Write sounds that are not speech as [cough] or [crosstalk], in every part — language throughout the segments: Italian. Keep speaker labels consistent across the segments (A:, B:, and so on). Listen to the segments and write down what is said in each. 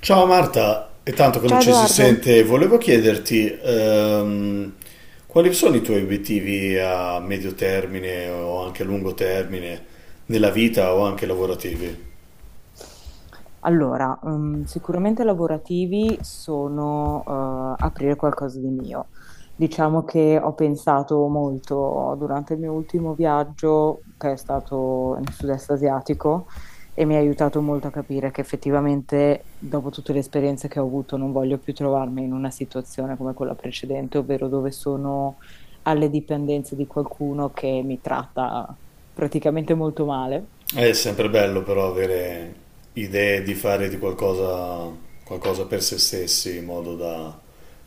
A: Ciao Marta, è tanto che non
B: Ciao
A: ci si
B: Edoardo.
A: sente, volevo chiederti quali sono i tuoi obiettivi a medio termine o anche a lungo termine nella vita o anche lavorativi?
B: Allora, sicuramente lavorativi sono aprire qualcosa di mio. Diciamo che ho pensato molto durante il mio ultimo viaggio, che è stato nel sud-est asiatico, e mi ha aiutato molto a capire che effettivamente, dopo tutte le esperienze che ho avuto, non voglio più trovarmi in una situazione come quella precedente, ovvero dove sono alle dipendenze di qualcuno che mi tratta praticamente molto male.
A: È sempre bello però avere idee di fare di qualcosa, qualcosa per se stessi in modo da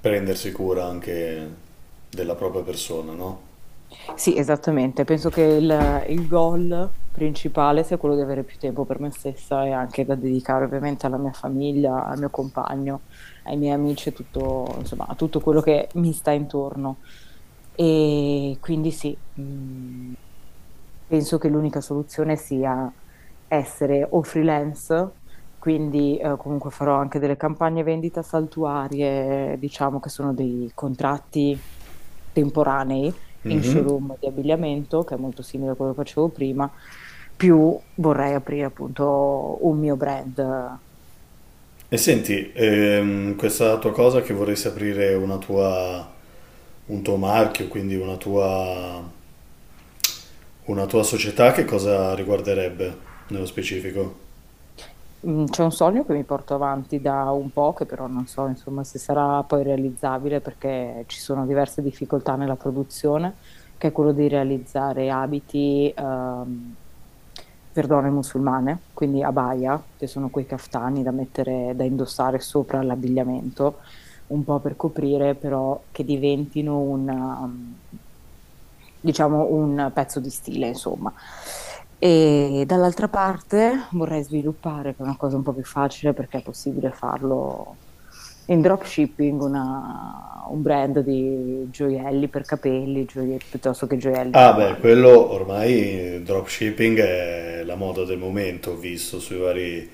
A: prendersi cura anche della propria persona, no?
B: Sì, esattamente. Penso che il goal principale sia quello di avere più tempo per me stessa e anche da dedicare ovviamente alla mia famiglia, al mio compagno, ai miei amici e tutto, insomma, a tutto quello che mi sta intorno. E quindi sì, penso che l'unica soluzione sia essere o freelance, quindi comunque farò anche delle campagne vendita saltuarie, diciamo che sono dei contratti temporanei in
A: Mhm.
B: showroom di abbigliamento, che è molto simile a quello che facevo prima, più vorrei aprire appunto un mio brand.
A: E senti, questa tua cosa che vorresti aprire una tua un tuo marchio, quindi una tua società, che cosa riguarderebbe nello specifico?
B: Mm, c'è un sogno che mi porto avanti da un po', che però non so, insomma, se sarà poi realizzabile perché ci sono diverse difficoltà nella produzione, che è quello di realizzare abiti, per donne musulmane, quindi abaya, che sono quei caftani da mettere, da indossare sopra l'abbigliamento, un po' per coprire, però che diventino un diciamo, un pezzo di stile, insomma. E dall'altra parte vorrei sviluppare, che è una cosa un po' più facile perché è possibile farlo in dropshipping, un brand di gioielli per capelli, piuttosto che gioielli
A: Ah beh,
B: normali.
A: quello ormai dropshipping è la moda del momento, ho visto sui vari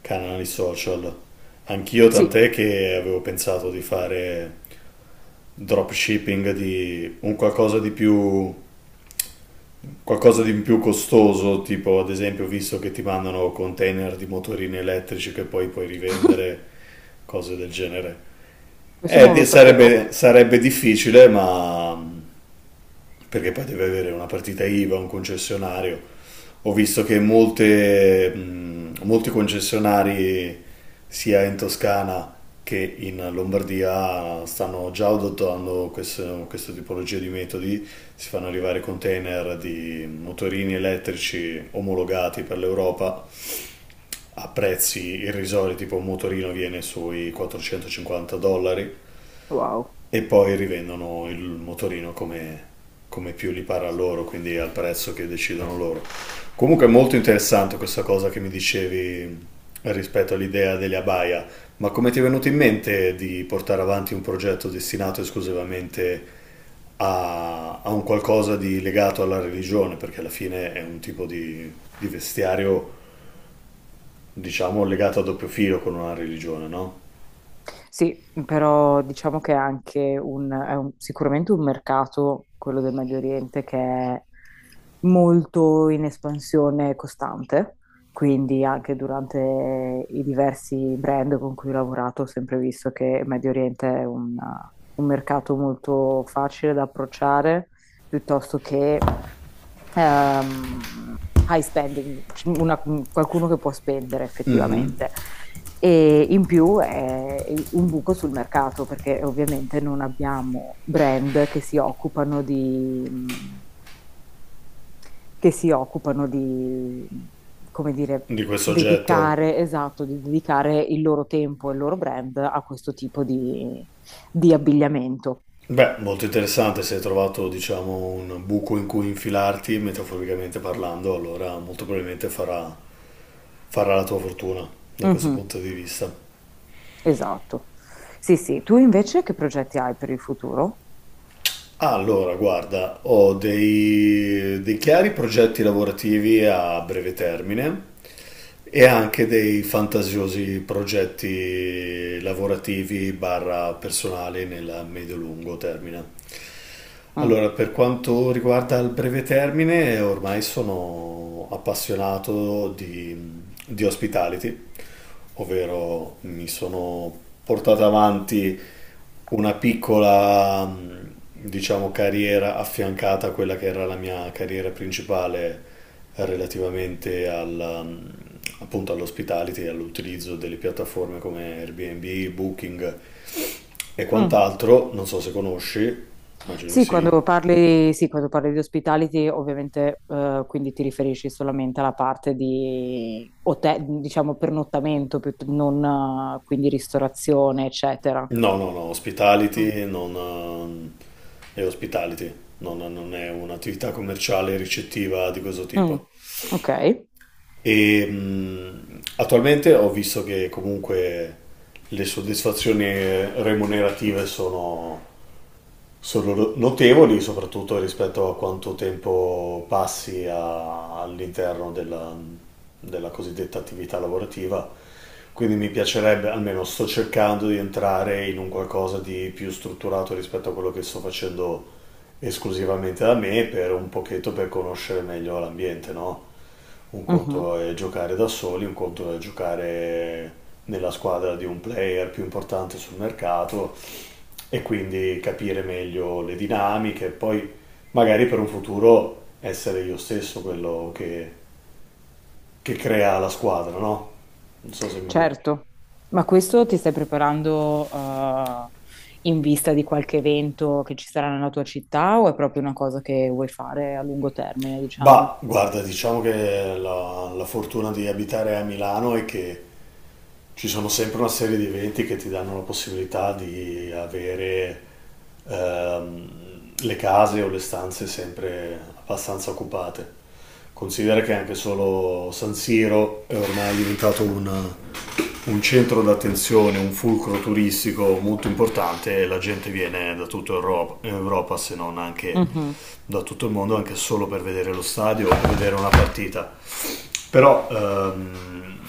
A: canali social. Anch'io
B: Sì,
A: tant'è che avevo pensato di fare dropshipping di un qualcosa di più costoso, tipo ad esempio ho visto che ti mandano container di motorini elettrici che poi puoi rivendere, cose del genere.
B: questo non lo sapevo.
A: Sarebbe, sarebbe difficile, ma perché poi deve avere una partita IVA, un concessionario. Ho visto che molte, molti concessionari, sia in Toscana che in Lombardia, stanno già adottando questa tipologia di metodi. Si fanno arrivare container di motorini elettrici omologati per l'Europa a prezzi irrisori, tipo un motorino viene sui 450 dollari
B: Wow.
A: e poi rivendono il motorino come, come più gli pare a loro, quindi al prezzo che decidono loro. Comunque è molto interessante questa cosa che mi dicevi rispetto all'idea delle abaya, ma come ti è venuto in mente di portare avanti un progetto destinato esclusivamente a, a un qualcosa di legato alla religione? Perché alla fine è un tipo di vestiario, diciamo, legato a doppio filo con una religione, no?
B: Sì, mhmm, però diciamo che è anche sicuramente un mercato, quello del Medio Oriente, che è molto in espansione costante, quindi anche durante i diversi brand con cui ho lavorato ho sempre visto che il Medio Oriente è un mercato molto facile da approcciare, piuttosto che ehm, high spending, qualcuno che può spendere effettivamente. E in più è un buco sul mercato perché ovviamente non abbiamo brand che si occupano di, che si occupano di, come dire,
A: Di questo oggetto.
B: dedicare, esatto, di dedicare il loro tempo e il loro brand a questo tipo di abbigliamento.
A: Beh, molto interessante se hai trovato, diciamo, un buco in cui infilarti, metaforicamente parlando, allora molto probabilmente farà, farà la tua fortuna da questo
B: Mhm,
A: punto di vista.
B: esatto. Sì, sì. Tu invece che progetti hai per il futuro?
A: Allora, guarda, ho dei, dei chiari progetti lavorativi a breve termine e anche dei fantasiosi progetti lavorativi barra personali nel medio-lungo termine.
B: Mm.
A: Allora, per quanto riguarda il breve termine, ormai sono appassionato di hospitality, ovvero mi sono portato avanti una piccola, diciamo, carriera affiancata a quella che era la mia carriera principale relativamente alla, appunto all'hospitality, all'utilizzo delle piattaforme come Airbnb, Booking e
B: Mm.
A: quant'altro. Non so se conosci, immagino di sì.
B: Sì, quando parli di hospitality, ovviamente, quindi ti riferisci solamente alla parte di hotel, diciamo pernottamento, non quindi ristorazione, eccetera.
A: No, no, no,
B: Mm.
A: hospitality non, è hospitality, non, non è un'attività commerciale ricettiva di questo
B: Mm.
A: tipo.
B: Ok.
A: E attualmente ho visto che comunque le soddisfazioni remunerative sono, sono no, notevoli, soprattutto rispetto a quanto tempo passi all'interno della, della cosiddetta attività lavorativa. Quindi mi piacerebbe, almeno sto cercando di entrare in un qualcosa di più strutturato rispetto a quello che sto facendo esclusivamente da me, per un pochetto per conoscere meglio l'ambiente, no? Un
B: Mhm.
A: conto è giocare da soli, un conto è giocare nella squadra di un player più importante sul mercato e quindi capire meglio le dinamiche, poi magari per un futuro essere io stesso quello che crea la squadra, no? Non so se mi capisci.
B: Certo. Ma questo ti stai preparando, in vista di qualche evento che ci sarà nella tua città o è proprio una cosa che vuoi fare a lungo termine, diciamo?
A: Bah, guarda, diciamo che la, la fortuna di abitare a Milano è che ci sono sempre una serie di eventi che ti danno la possibilità di avere ehm, le case o le stanze sempre abbastanza occupate. Considera che anche solo San Siro è ormai diventato un centro d'attenzione, un fulcro turistico molto importante e la gente viene da tutta Europa, Europa, se non anche
B: Mhm.
A: da tutto il mondo, anche solo per vedere lo stadio o per vedere una partita. Però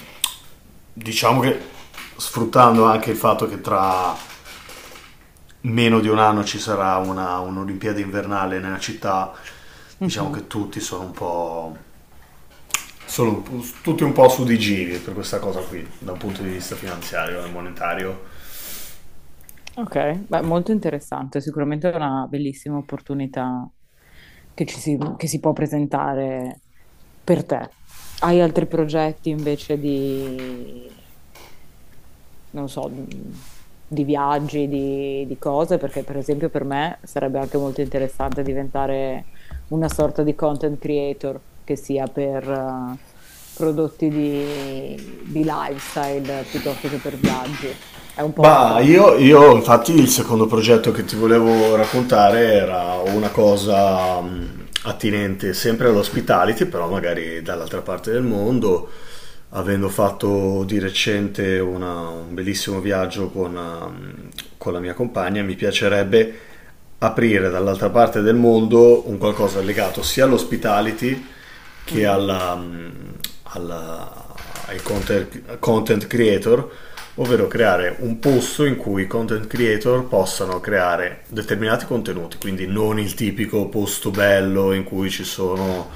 A: diciamo che sfruttando anche il fatto che tra meno di un anno ci sarà una, un'Olimpiade invernale nella città, diciamo
B: Mhm.
A: che tutti sono un po'... Tutti un po' su di giri per questa cosa qui, da un punto di vista finanziario e monetario.
B: Ok, beh, molto interessante, sicuramente è una bellissima opportunità che che si può presentare per te. Hai altri progetti invece di, non so, di viaggi, di cose? Perché per esempio per me sarebbe anche molto interessante diventare una sorta di content creator, che sia per prodotti di lifestyle piuttosto che per viaggi. È un po' un
A: Bah,
B: sogno.
A: io, infatti il secondo progetto che ti volevo raccontare era una cosa attinente sempre all'hospitality, però magari dall'altra parte del mondo, avendo fatto di recente un bellissimo viaggio con, con la mia compagna, mi piacerebbe aprire dall'altra parte del mondo un qualcosa legato sia all'hospitality che
B: Mm.
A: alla, alla- ai content, content creator, ovvero creare un posto in cui i content creator possano creare determinati contenuti, quindi non il tipico posto bello in cui ci sono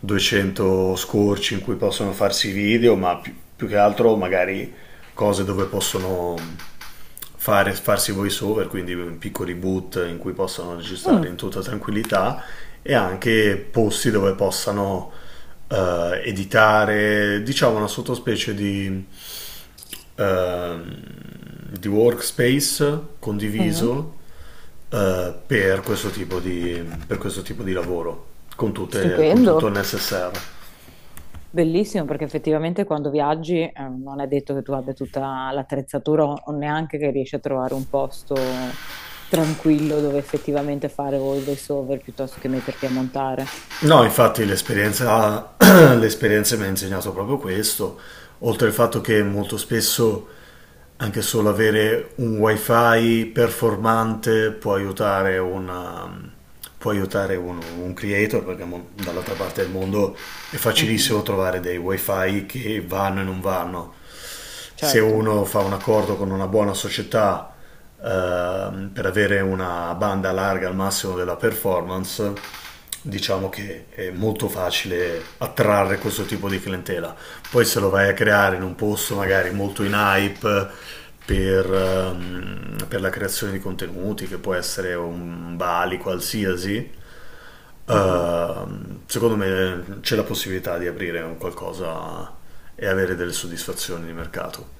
A: 200 scorci in cui possono farsi video, ma più, più che altro magari cose dove possono fare, farsi voice over, quindi piccoli boot in cui possano registrare
B: Mm.
A: in tutta tranquillità e anche posti dove possano editare, diciamo una sottospecie eh, di workspace
B: Mm.
A: condiviso per, questo tipo di, per questo tipo di lavoro con, con
B: Stupendo,
A: tutto il necessario.
B: bellissimo perché effettivamente quando viaggi non è detto che tu abbia tutta l'attrezzatura o neanche che riesci a trovare un posto tranquillo dove effettivamente fare o i voiceover piuttosto che metterti a montare.
A: No, infatti l'esperienza, [clears throat] l'esperienza mi ha insegnato proprio questo, oltre al fatto che molto spesso anche solo avere un wifi performante può aiutare, può aiutare un creator, perché dall'altra parte del mondo è
B: Mhm,
A: facilissimo trovare dei wifi che vanno e non vanno se
B: certo.
A: uno fa un accordo con una buona società per avere una banda larga al massimo della performance, diciamo che è molto facile attrarre questo tipo di clientela. Poi se lo vai a creare in un posto magari molto in hype per la creazione di contenuti, che può essere un Bali qualsiasi,
B: Mhm.
A: Secondo me c'è la possibilità di aprire un qualcosa e avere delle soddisfazioni di mercato.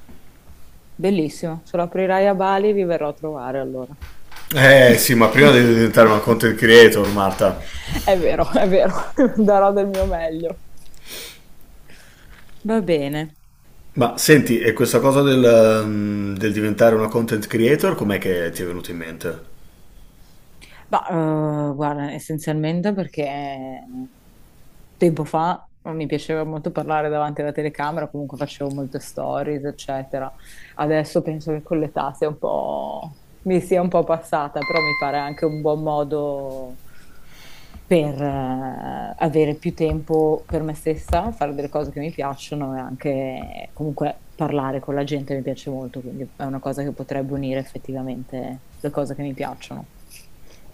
B: Bellissimo, se lo aprirai a Bali vi verrò a trovare allora.
A: Eh sì, ma
B: [laughs]
A: prima devi diventare una content creator, Marta.
B: È vero, [laughs] darò del mio meglio. Va bene.
A: Ma senti, e questa cosa del, del diventare una content creator, com'è che ti è venuta in mente?
B: Ma guarda, essenzialmente perché tempo fa mi piaceva molto parlare davanti alla telecamera, comunque facevo molte stories, eccetera. Adesso penso che con l'età sia un po' mi sia un po' passata, però mi pare anche un buon modo per avere più tempo per me stessa, fare delle cose che mi piacciono e anche comunque parlare con la gente mi piace molto, quindi è una cosa che potrebbe unire effettivamente le cose che mi piacciono.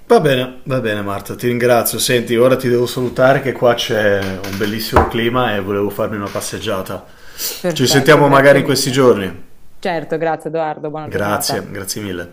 A: Va bene Marta, ti ringrazio. Senti, ora ti devo salutare che qua c'è un bellissimo clima e volevo farmi una passeggiata. Ci
B: Perfetto,
A: sentiamo magari
B: grazie
A: in questi
B: mille.
A: giorni.
B: Certo, grazie Edoardo, buona
A: Grazie,
B: giornata.
A: grazie mille.